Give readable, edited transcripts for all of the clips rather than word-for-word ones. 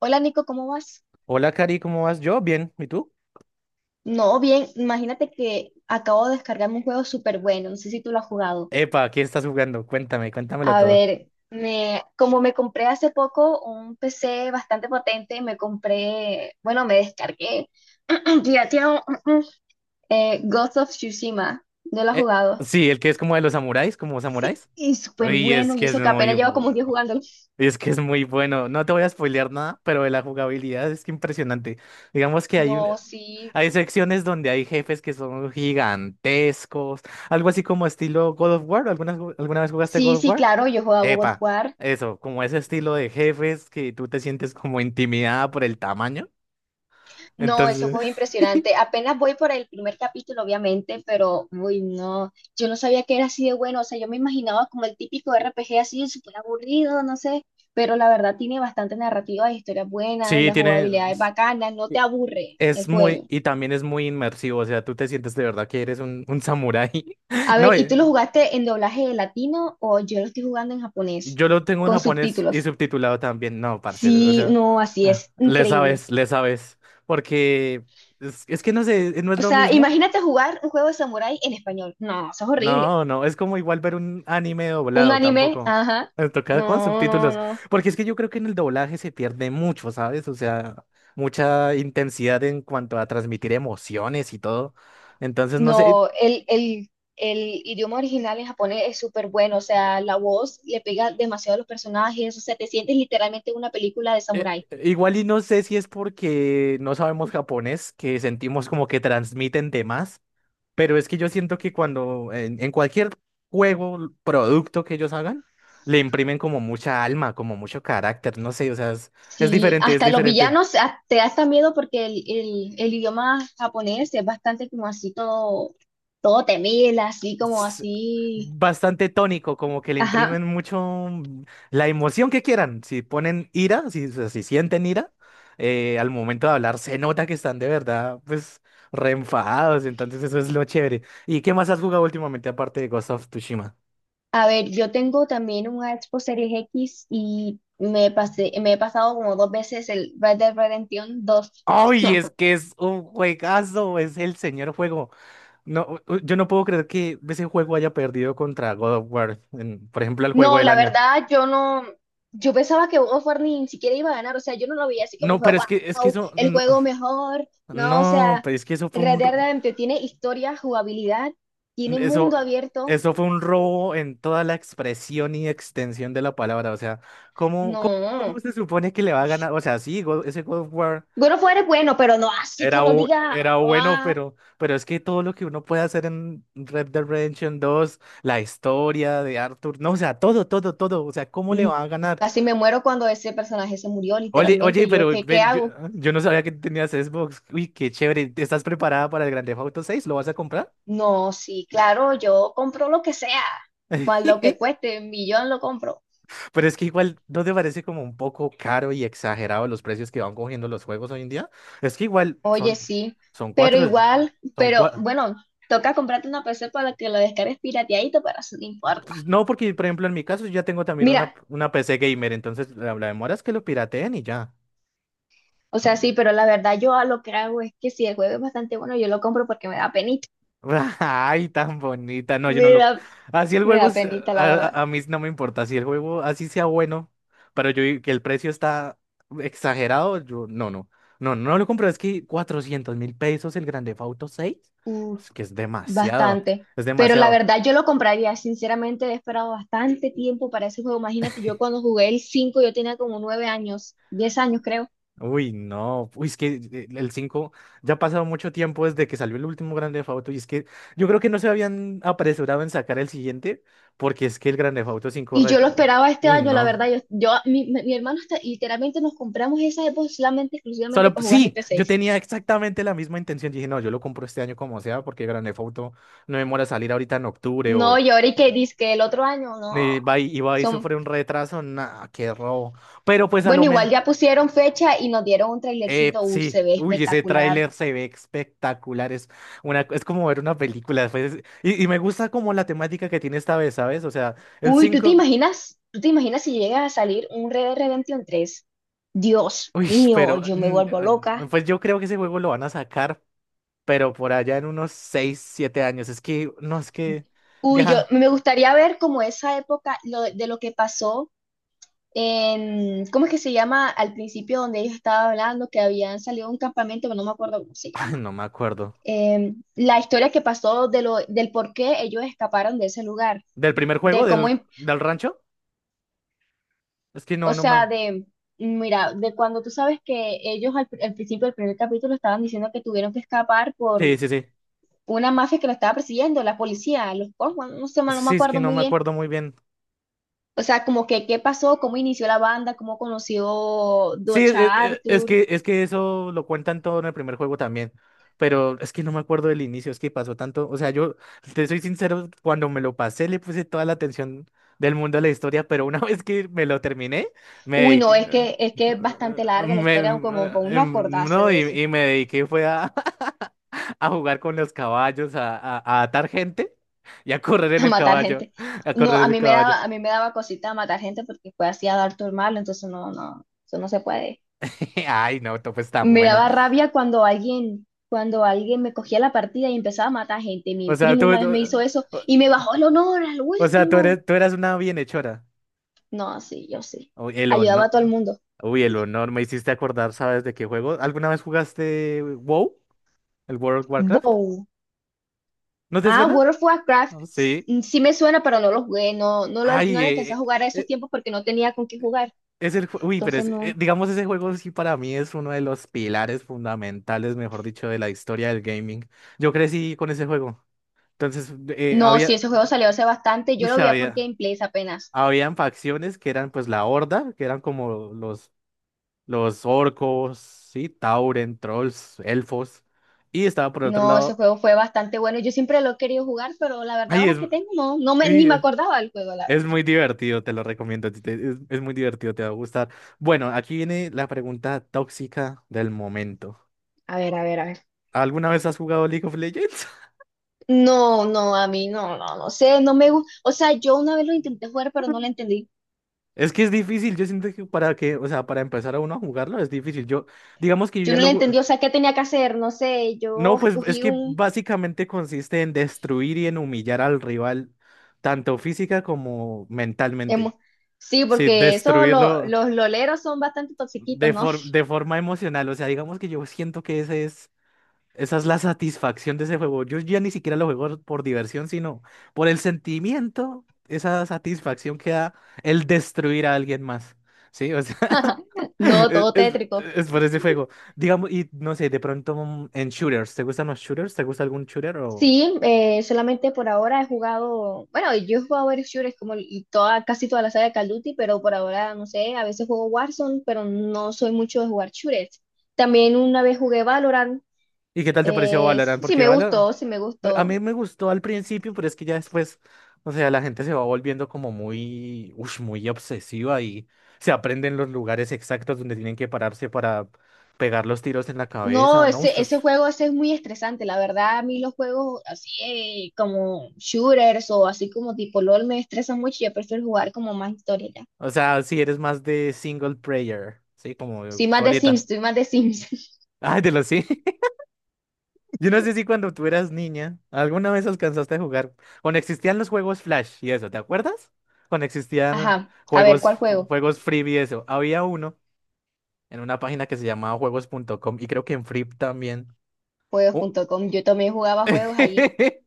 Hola Nico, ¿cómo vas? Hola, Cari, ¿cómo vas? Yo, bien. ¿Y tú? No, bien, imagínate que acabo de descargarme un juego súper bueno, no sé si tú lo has jugado. Epa, ¿qué estás jugando? Cuéntame, cuéntamelo A todo. ver, me, como me compré hace poco un PC bastante potente, me compré, bueno, me descargué, pirateado, Ghost of Tsushima, ¿no lo has Eh, jugado? sí, el que es como de los samuráis, como Sí, samuráis. y súper Uy, es bueno, y que es eso que muy apenas llevo como un bueno. día jugándolo. Es que es muy bueno. No te voy a spoilear nada, pero de la jugabilidad es que impresionante. Digamos que No, sí, hay secciones donde hay jefes que son gigantescos, algo así como estilo God of War. ¿Alguna vez jugaste sí, God of sí, War? claro, yo jugaba God of Epa, War. eso, como ese estilo de jefes que tú te sientes como intimidada por el tamaño. No, eso Entonces. fue impresionante. Apenas voy por el primer capítulo, obviamente, pero, uy, no, yo no sabía que era así de bueno. O sea, yo me imaginaba como el típico RPG así, súper aburrido, no sé, pero la verdad tiene bastante narrativa, historias buenas, Sí, la tiene, jugabilidad es bacana, no te aburre es el muy, juego. y también es muy inmersivo, o sea, tú te sientes de verdad que eres un samurái. A No, ver, ¿y tú lo jugaste en doblaje latino o yo lo estoy jugando en japonés yo lo tengo en con japonés y subtítulos? subtitulado también, no, parce, o Sí, sea, no, así ah, es, increíble. Le sabes, porque es que no sé, no es O lo sea, mismo. imagínate jugar un juego de samurái en español. No, eso es horrible. No, no, es como igual ver un anime Un doblado anime, tampoco. ajá. Me toca con No, no, subtítulos, no. porque es que yo creo que en el doblaje se pierde mucho, ¿sabes? O sea, mucha intensidad en cuanto a transmitir emociones y todo. Entonces, no sé, No, el idioma original en japonés es súper bueno, o sea, la voz le pega demasiado a los personajes, o sea, te sientes literalmente en una película de samurái. Igual y no sé si es porque no sabemos japonés, que sentimos como que transmiten temas, pero es que yo siento que cuando en cualquier juego, producto que ellos hagan, le imprimen como mucha alma, como mucho carácter, no sé, o sea, es Sí, diferente, es hasta los diferente. villanos te da hasta miedo porque el idioma japonés es bastante como así todo, todo temible, así como s- así, Bastante tónico, como que le ajá. imprimen mucho la emoción que quieran. Si ponen ira, si sienten ira, al momento de hablar se nota que están de verdad, pues, re enfadados. Entonces eso es lo chévere. ¿Y qué más has jugado últimamente aparte de Ghost of Tsushima? A ver, yo tengo también una Xbox Series X y me he pasado como dos veces el Red Dead Redemption 2. ¡Ay, es que es un juegazo! Es el señor juego. No, yo no puedo creer que ese juego haya perdido contra God of War, por ejemplo, el juego No, del la año. verdad, yo no, yo pensaba que uno fuera ni siquiera iba a ganar, o sea, yo no lo veía así como No, fue, pero es que wow, eso, el no, juego mejor, no, o no, sea, pero es que eso fue Red un, r- Dead Redemption tiene historia, jugabilidad, tiene Eso, mundo abierto. eso fue un robo en toda la expresión y extensión de la palabra. O sea, ¿cómo No, se supone que le va a ganar? O sea, sí, ese God of War bueno, fuera es bueno, pero no, así que era, uno bu- diga, era bueno, pero es que todo lo que uno puede hacer en Red Dead Redemption dos la historia de Arthur, no, o sea, todo, todo, todo. O sea, ¿cómo le mm, va a ganar? casi me muero cuando ese personaje se murió, Oye, oye, literalmente, yo, pero ¿qué ven, yo, hago? yo no sabía que tenías Xbox. Uy, qué chévere. ¿Estás preparada para el Grand Theft Auto 6? ¿Lo vas a comprar? No, sí, claro, yo compro lo que sea, cual lo que cueste, un millón lo compro. Pero es que igual, ¿no te parece como un poco caro y exagerado los precios que van cogiendo los juegos hoy en día? Es que igual Oye, son, sí, son pero cuatro, igual, son pero cuatro. bueno, toca comprarte una PC para que la descargues pirateadito, pero eso no importa. No, porque por ejemplo en mi caso yo ya tengo también una, Mira, una PC gamer, entonces la demora es que lo pirateen y ya. o sea, sí, pero la verdad yo a lo que hago es que si el juego es bastante bueno, yo lo compro porque me da penita. Ay, tan bonita. No, yo Me no lo. da, Así el me juego, da penita, la a, verdad. a- a mí no me importa. Si el juego así sea bueno, pero yo que el precio está exagerado, yo no, no. No, no lo compro. Es que 400.000 pesos el Grand Theft Auto 6. Uh, Es que es demasiado. Bastante. Es Pero la demasiado. verdad yo lo compraría, sinceramente he esperado bastante tiempo para ese juego. Imagínate, yo cuando jugué el 5 yo tenía como 9 años, 10 años creo. Uy, no. Uy, es que el 5. Ya ha pasado mucho tiempo desde que salió el último Grand Theft Auto. Y es que yo creo que no se habían apresurado en sacar el siguiente, porque es que el Grand Theft Auto 5. Y yo lo esperaba este Uy, año, la no. verdad. Yo mi hermano está, literalmente nos compramos esa Xbox solamente, exclusivamente Solo, para jugar sí, GTA yo seis tenía exactamente la misma intención. Dije, no, yo lo compro este año como sea, porque Grand Theft Auto no demora a salir ahorita en octubre No, o y ahora y que dice que el otro año, no. va y va y Son, sufre un retraso. Nah, qué robo. Pero pues a bueno, lo igual mejor, ya pusieron fecha y nos dieron un trailercito. Sí. Se ve Uy, ese espectacular. tráiler se ve espectacular. Es como ver una película. Pues, y me gusta como la temática que tiene esta vez, ¿sabes? O sea, el Uy, ¿tú te cinco. imaginas? ¿Tú te imaginas si llega a salir un Red Dead Redemption 3? Dios Uy, mío, pero yo me vuelvo loca. pues yo creo que ese juego lo van a sacar pero por allá en unos 6 7 años. Es que, no, es que, Uy, yo deja, me gustaría ver como esa época lo, de lo que pasó en, ¿cómo es que se llama? Al principio donde ellos estaban hablando que habían salido de un campamento, pero no me acuerdo cómo se ay, llama. no me acuerdo. La historia que pasó de lo, del por qué ellos escaparon de ese lugar, ¿Del primer de juego cómo, del, del rancho? Es que no, o no me... sea, de, mira, de cuando tú sabes que ellos al, al principio del primer capítulo estaban diciendo que tuvieron que escapar Sí, por sí, sí. una mafia que lo estaba persiguiendo, la policía, los Cosmos, no sé, no me Sí, es que acuerdo no muy me bien. acuerdo muy bien. O sea, como que qué pasó, cómo inició la banda, cómo conoció Sí, e- Docha e- es, Arthur. que, es que eso lo cuentan todo en el primer juego también, pero es que no me acuerdo del inicio, es que pasó tanto, o sea, yo te soy sincero, cuando me lo pasé le puse toda la atención del mundo a la historia, pero una vez que me lo terminé, me Uy, dediqué, no, es que, es eh, que es bastante larga la me- historia, eh, como para uno acordarse no, de y, eso. y me dediqué fue a, a jugar con los caballos, a atar gente y a correr en A el matar caballo, gente. a No, correr en a el mí me caballo. daba, a mí me daba cosita matar gente porque fue así a dar tu malo, entonces no, no, eso no se puede. Ay, no, Top está Me buena. daba rabia cuando alguien me cogía la partida y empezaba a matar gente. Mi O sea, primo tú... una vez me hizo eso y me bajó el honor al O sea, tú último. eres, tú eras una bienhechora. No, sí, yo sí. Uy, el Ayudaba a todo el honor. mundo. Uy, el honor. Me hiciste acordar, ¿sabes de qué juego? ¿Alguna vez jugaste WoW? ¿El World of Warcraft? Bow. ¿No te Ah, suena? World of Warcraft. No, sí. Sí me suena, pero no lo jugué. No, no Ay, le alcancé a jugar a esos eh, tiempos porque no tenía con qué jugar. Uy, pero Entonces no. digamos, ese juego sí para mí es uno de los pilares fundamentales, mejor dicho, de la historia del gaming. Yo crecí con ese juego. Entonces, No, sí, había... ese juego salió hace bastante. Yo Uy, lo vi por había... Gameplays apenas. Habían facciones que eran pues la Horda, que eran como los orcos, sí, Tauren, trolls, elfos. Y estaba por otro No, ese lado. juego fue bastante bueno. Yo siempre lo he querido jugar, pero la verdad Ay, ahora que tengo, ni sí, me acordaba del juego, la es verdad. muy divertido, te lo recomiendo. Es muy divertido, te va a gustar. Bueno, aquí viene la pregunta tóxica del momento. A ver, a ver, a ver. ¿Alguna vez has jugado League of Legends? No, no, a mí no, no, no sé, no me gusta. O sea, yo una vez lo intenté jugar, pero no lo entendí. Es que es difícil, yo siento que para que, o sea, para empezar a uno a jugarlo es difícil. Yo, digamos que yo Yo ya no lo lo ju- entendí, o sea, qué tenía que hacer, no sé, No, yo pues es escogí que un. básicamente consiste en destruir y en humillar al rival, tanto física como mentalmente. emo- Sí, Sí, porque eso, destruirlo los loleros son bastante toxiquitos, de, ¿no? for- de forma emocional. O sea, digamos que yo siento que esa es la satisfacción de ese juego. Yo ya ni siquiera lo juego por diversión, sino por el sentimiento, esa satisfacción que da el destruir a alguien más. Sí, o sea, No, es, todo es- tétrico. es por ese juego. Digamos, y no sé, de pronto en shooters, ¿te gustan los shooters? ¿Te gusta algún shooter o...? Sí, solamente por ahora he jugado, bueno, yo he jugado varios shooters como y toda, casi toda la saga de Call of Duty, pero por ahora, no sé, a veces juego Warzone, pero no soy mucho de jugar shooters. También una vez jugué Valorant, ¿Y qué tal te pareció Valorant? sí sí Porque me Valorant gustó, sí me a gustó. mí me gustó al principio, pero es que ya después, o sea, la gente se va volviendo como muy, ush, muy obsesiva y se aprenden los lugares exactos donde tienen que pararse para pegar los tiros en la No, cabeza, ¿no? Ush, ese, ush. ese juego ese es muy estresante, la verdad, a mí los juegos así como shooters o así como tipo LOL me estresan mucho, yo prefiero jugar como más historia ya. O sea, si eres más de single player, sí, como Soy más de solita. Sims, soy más de Sims. Ay, de los sí. Yo no sé si cuando tú eras niña, alguna vez alcanzaste a jugar, cuando existían los juegos Flash y eso, ¿te acuerdas? Cuando existían Ajá, a ver, juegos, ¿cuál juego? juegos Freebie y eso, había uno en una página que se llamaba juegos.com y creo que en Free también. Oh. juegos.com. Yo también jugaba juegos allí.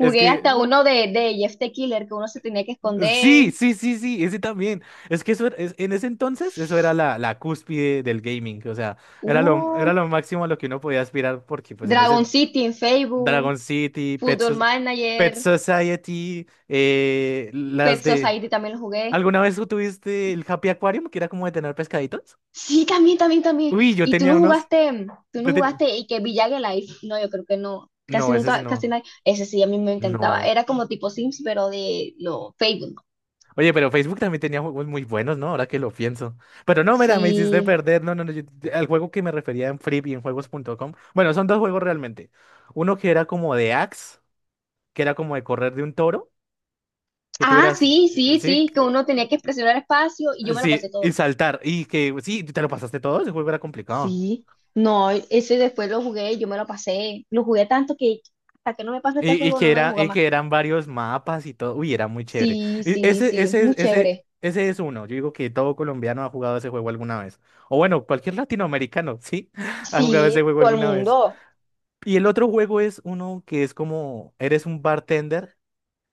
Es hasta que uno de Jeff the Killer, que uno se tenía que sí, esconder. sí, sí, sí, ese también. Es que eso en ese entonces eso era la cúspide del gaming, o sea, era lo, era Uh, lo máximo a lo que uno podía aspirar porque pues en ese Dragon City en Facebook, Dragon City, Pet, Football Soc- Pet Manager, Society, Pet las de... Society también lo jugué. ¿Alguna vez tú tuviste el Happy Aquarium, que era como de tener pescaditos? Sí, también, también, también. Uy, yo Y tú no tenía unos... jugaste, tú no yo ten- jugaste y que Village Life. No, yo creo que no. Casi No, ese sí nunca, casi no. nadie. Ese sí, a mí me encantaba. No. Era como tipo Sims, pero de lo Facebook, ¿no? Oye, pero Facebook también tenía juegos muy buenos, ¿no? Ahora que lo pienso. Pero no, mira, me hiciste Sí. perder. No, no, no. Al juego que me refería en Flip y en juegos.com. Bueno, son dos juegos realmente. Uno que era como de Axe, que era como de correr de un toro, que tú Ah, eras... sí, sí, sí, sí, que uno tenía que presionar espacio y yo me lo sí, pasé y todo. saltar. Y que sí, te lo pasaste todo, ese juego era complicado. Sí, no, ese después lo jugué, yo me lo pasé, lo jugué tanto que hasta que no me pasó este Y juego no que lo he era, y jugado más. que eran varios mapas y todo. Uy, era muy chévere. Sí, Y sí, ese, sí, ese, es- muy ese, chévere. ese es uno. Yo digo que todo colombiano ha jugado ese juego alguna vez. O bueno, cualquier latinoamericano, sí, ha jugado ese Sí, juego todo el alguna vez. mundo. Y el otro juego es uno que es como, eres un bartender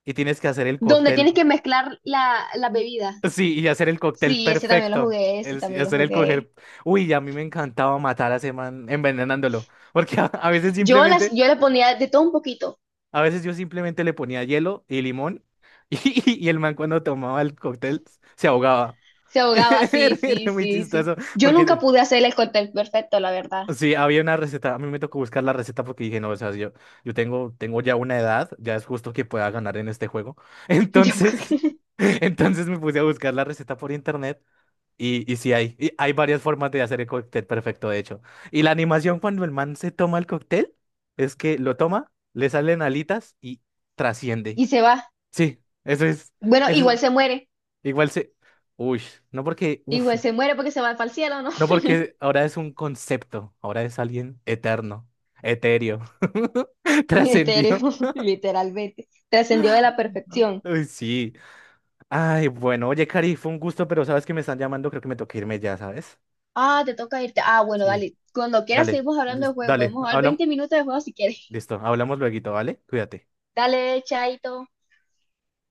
y tienes que hacer el Donde cóctel. tienes que mezclar la bebida. Sí, y hacer el cóctel Sí, ese también lo perfecto. jugué, ese Y también lo hacer el jugué. coger. Uy, a mí me encantaba matar a ese man envenenándolo. Porque a, a veces simplemente Yo le ponía de todo un poquito. A veces yo simplemente le ponía hielo y limón y el man cuando tomaba el cóctel se ahogaba. Se ahogaba, sí, Era, sí, era muy sí, sí. chistoso Yo nunca porque pude hacer el cóctel perfecto, la verdad. sí, había una receta. A mí me tocó buscar la receta porque dije, no, o sea, yo tengo ya una edad, ya es justo que pueda ganar en este juego. Entonces, Yo- entonces me puse a buscar la receta por internet y sí hay varias formas de hacer el cóctel perfecto, de hecho. Y la animación cuando el man se toma el cóctel es que lo toma, le salen alitas y trasciende. Y se va. Sí, eso es, Bueno, eso es- igual se muere. igual se, uy, no porque, uf, Igual se muere porque se va para el cielo, ¿no? no porque ahora es un concepto, ahora es alguien eterno, etéreo, Mi trascendió. etéreo, literalmente. Trascendió de la perfección. Uy, sí. Ay, bueno, oye, Cari, fue un gusto, pero sabes que me están llamando, creo que me toca irme ya, ¿sabes? Ah, te toca irte. Ah, bueno, Sí. dale. Cuando quieras Dale, seguimos hablando de juego. Podemos dale, jugar hablamos, 20 minutos de juego si quieres. listo, hablamos luego, ¿vale? Cuídate. Dale, chaito.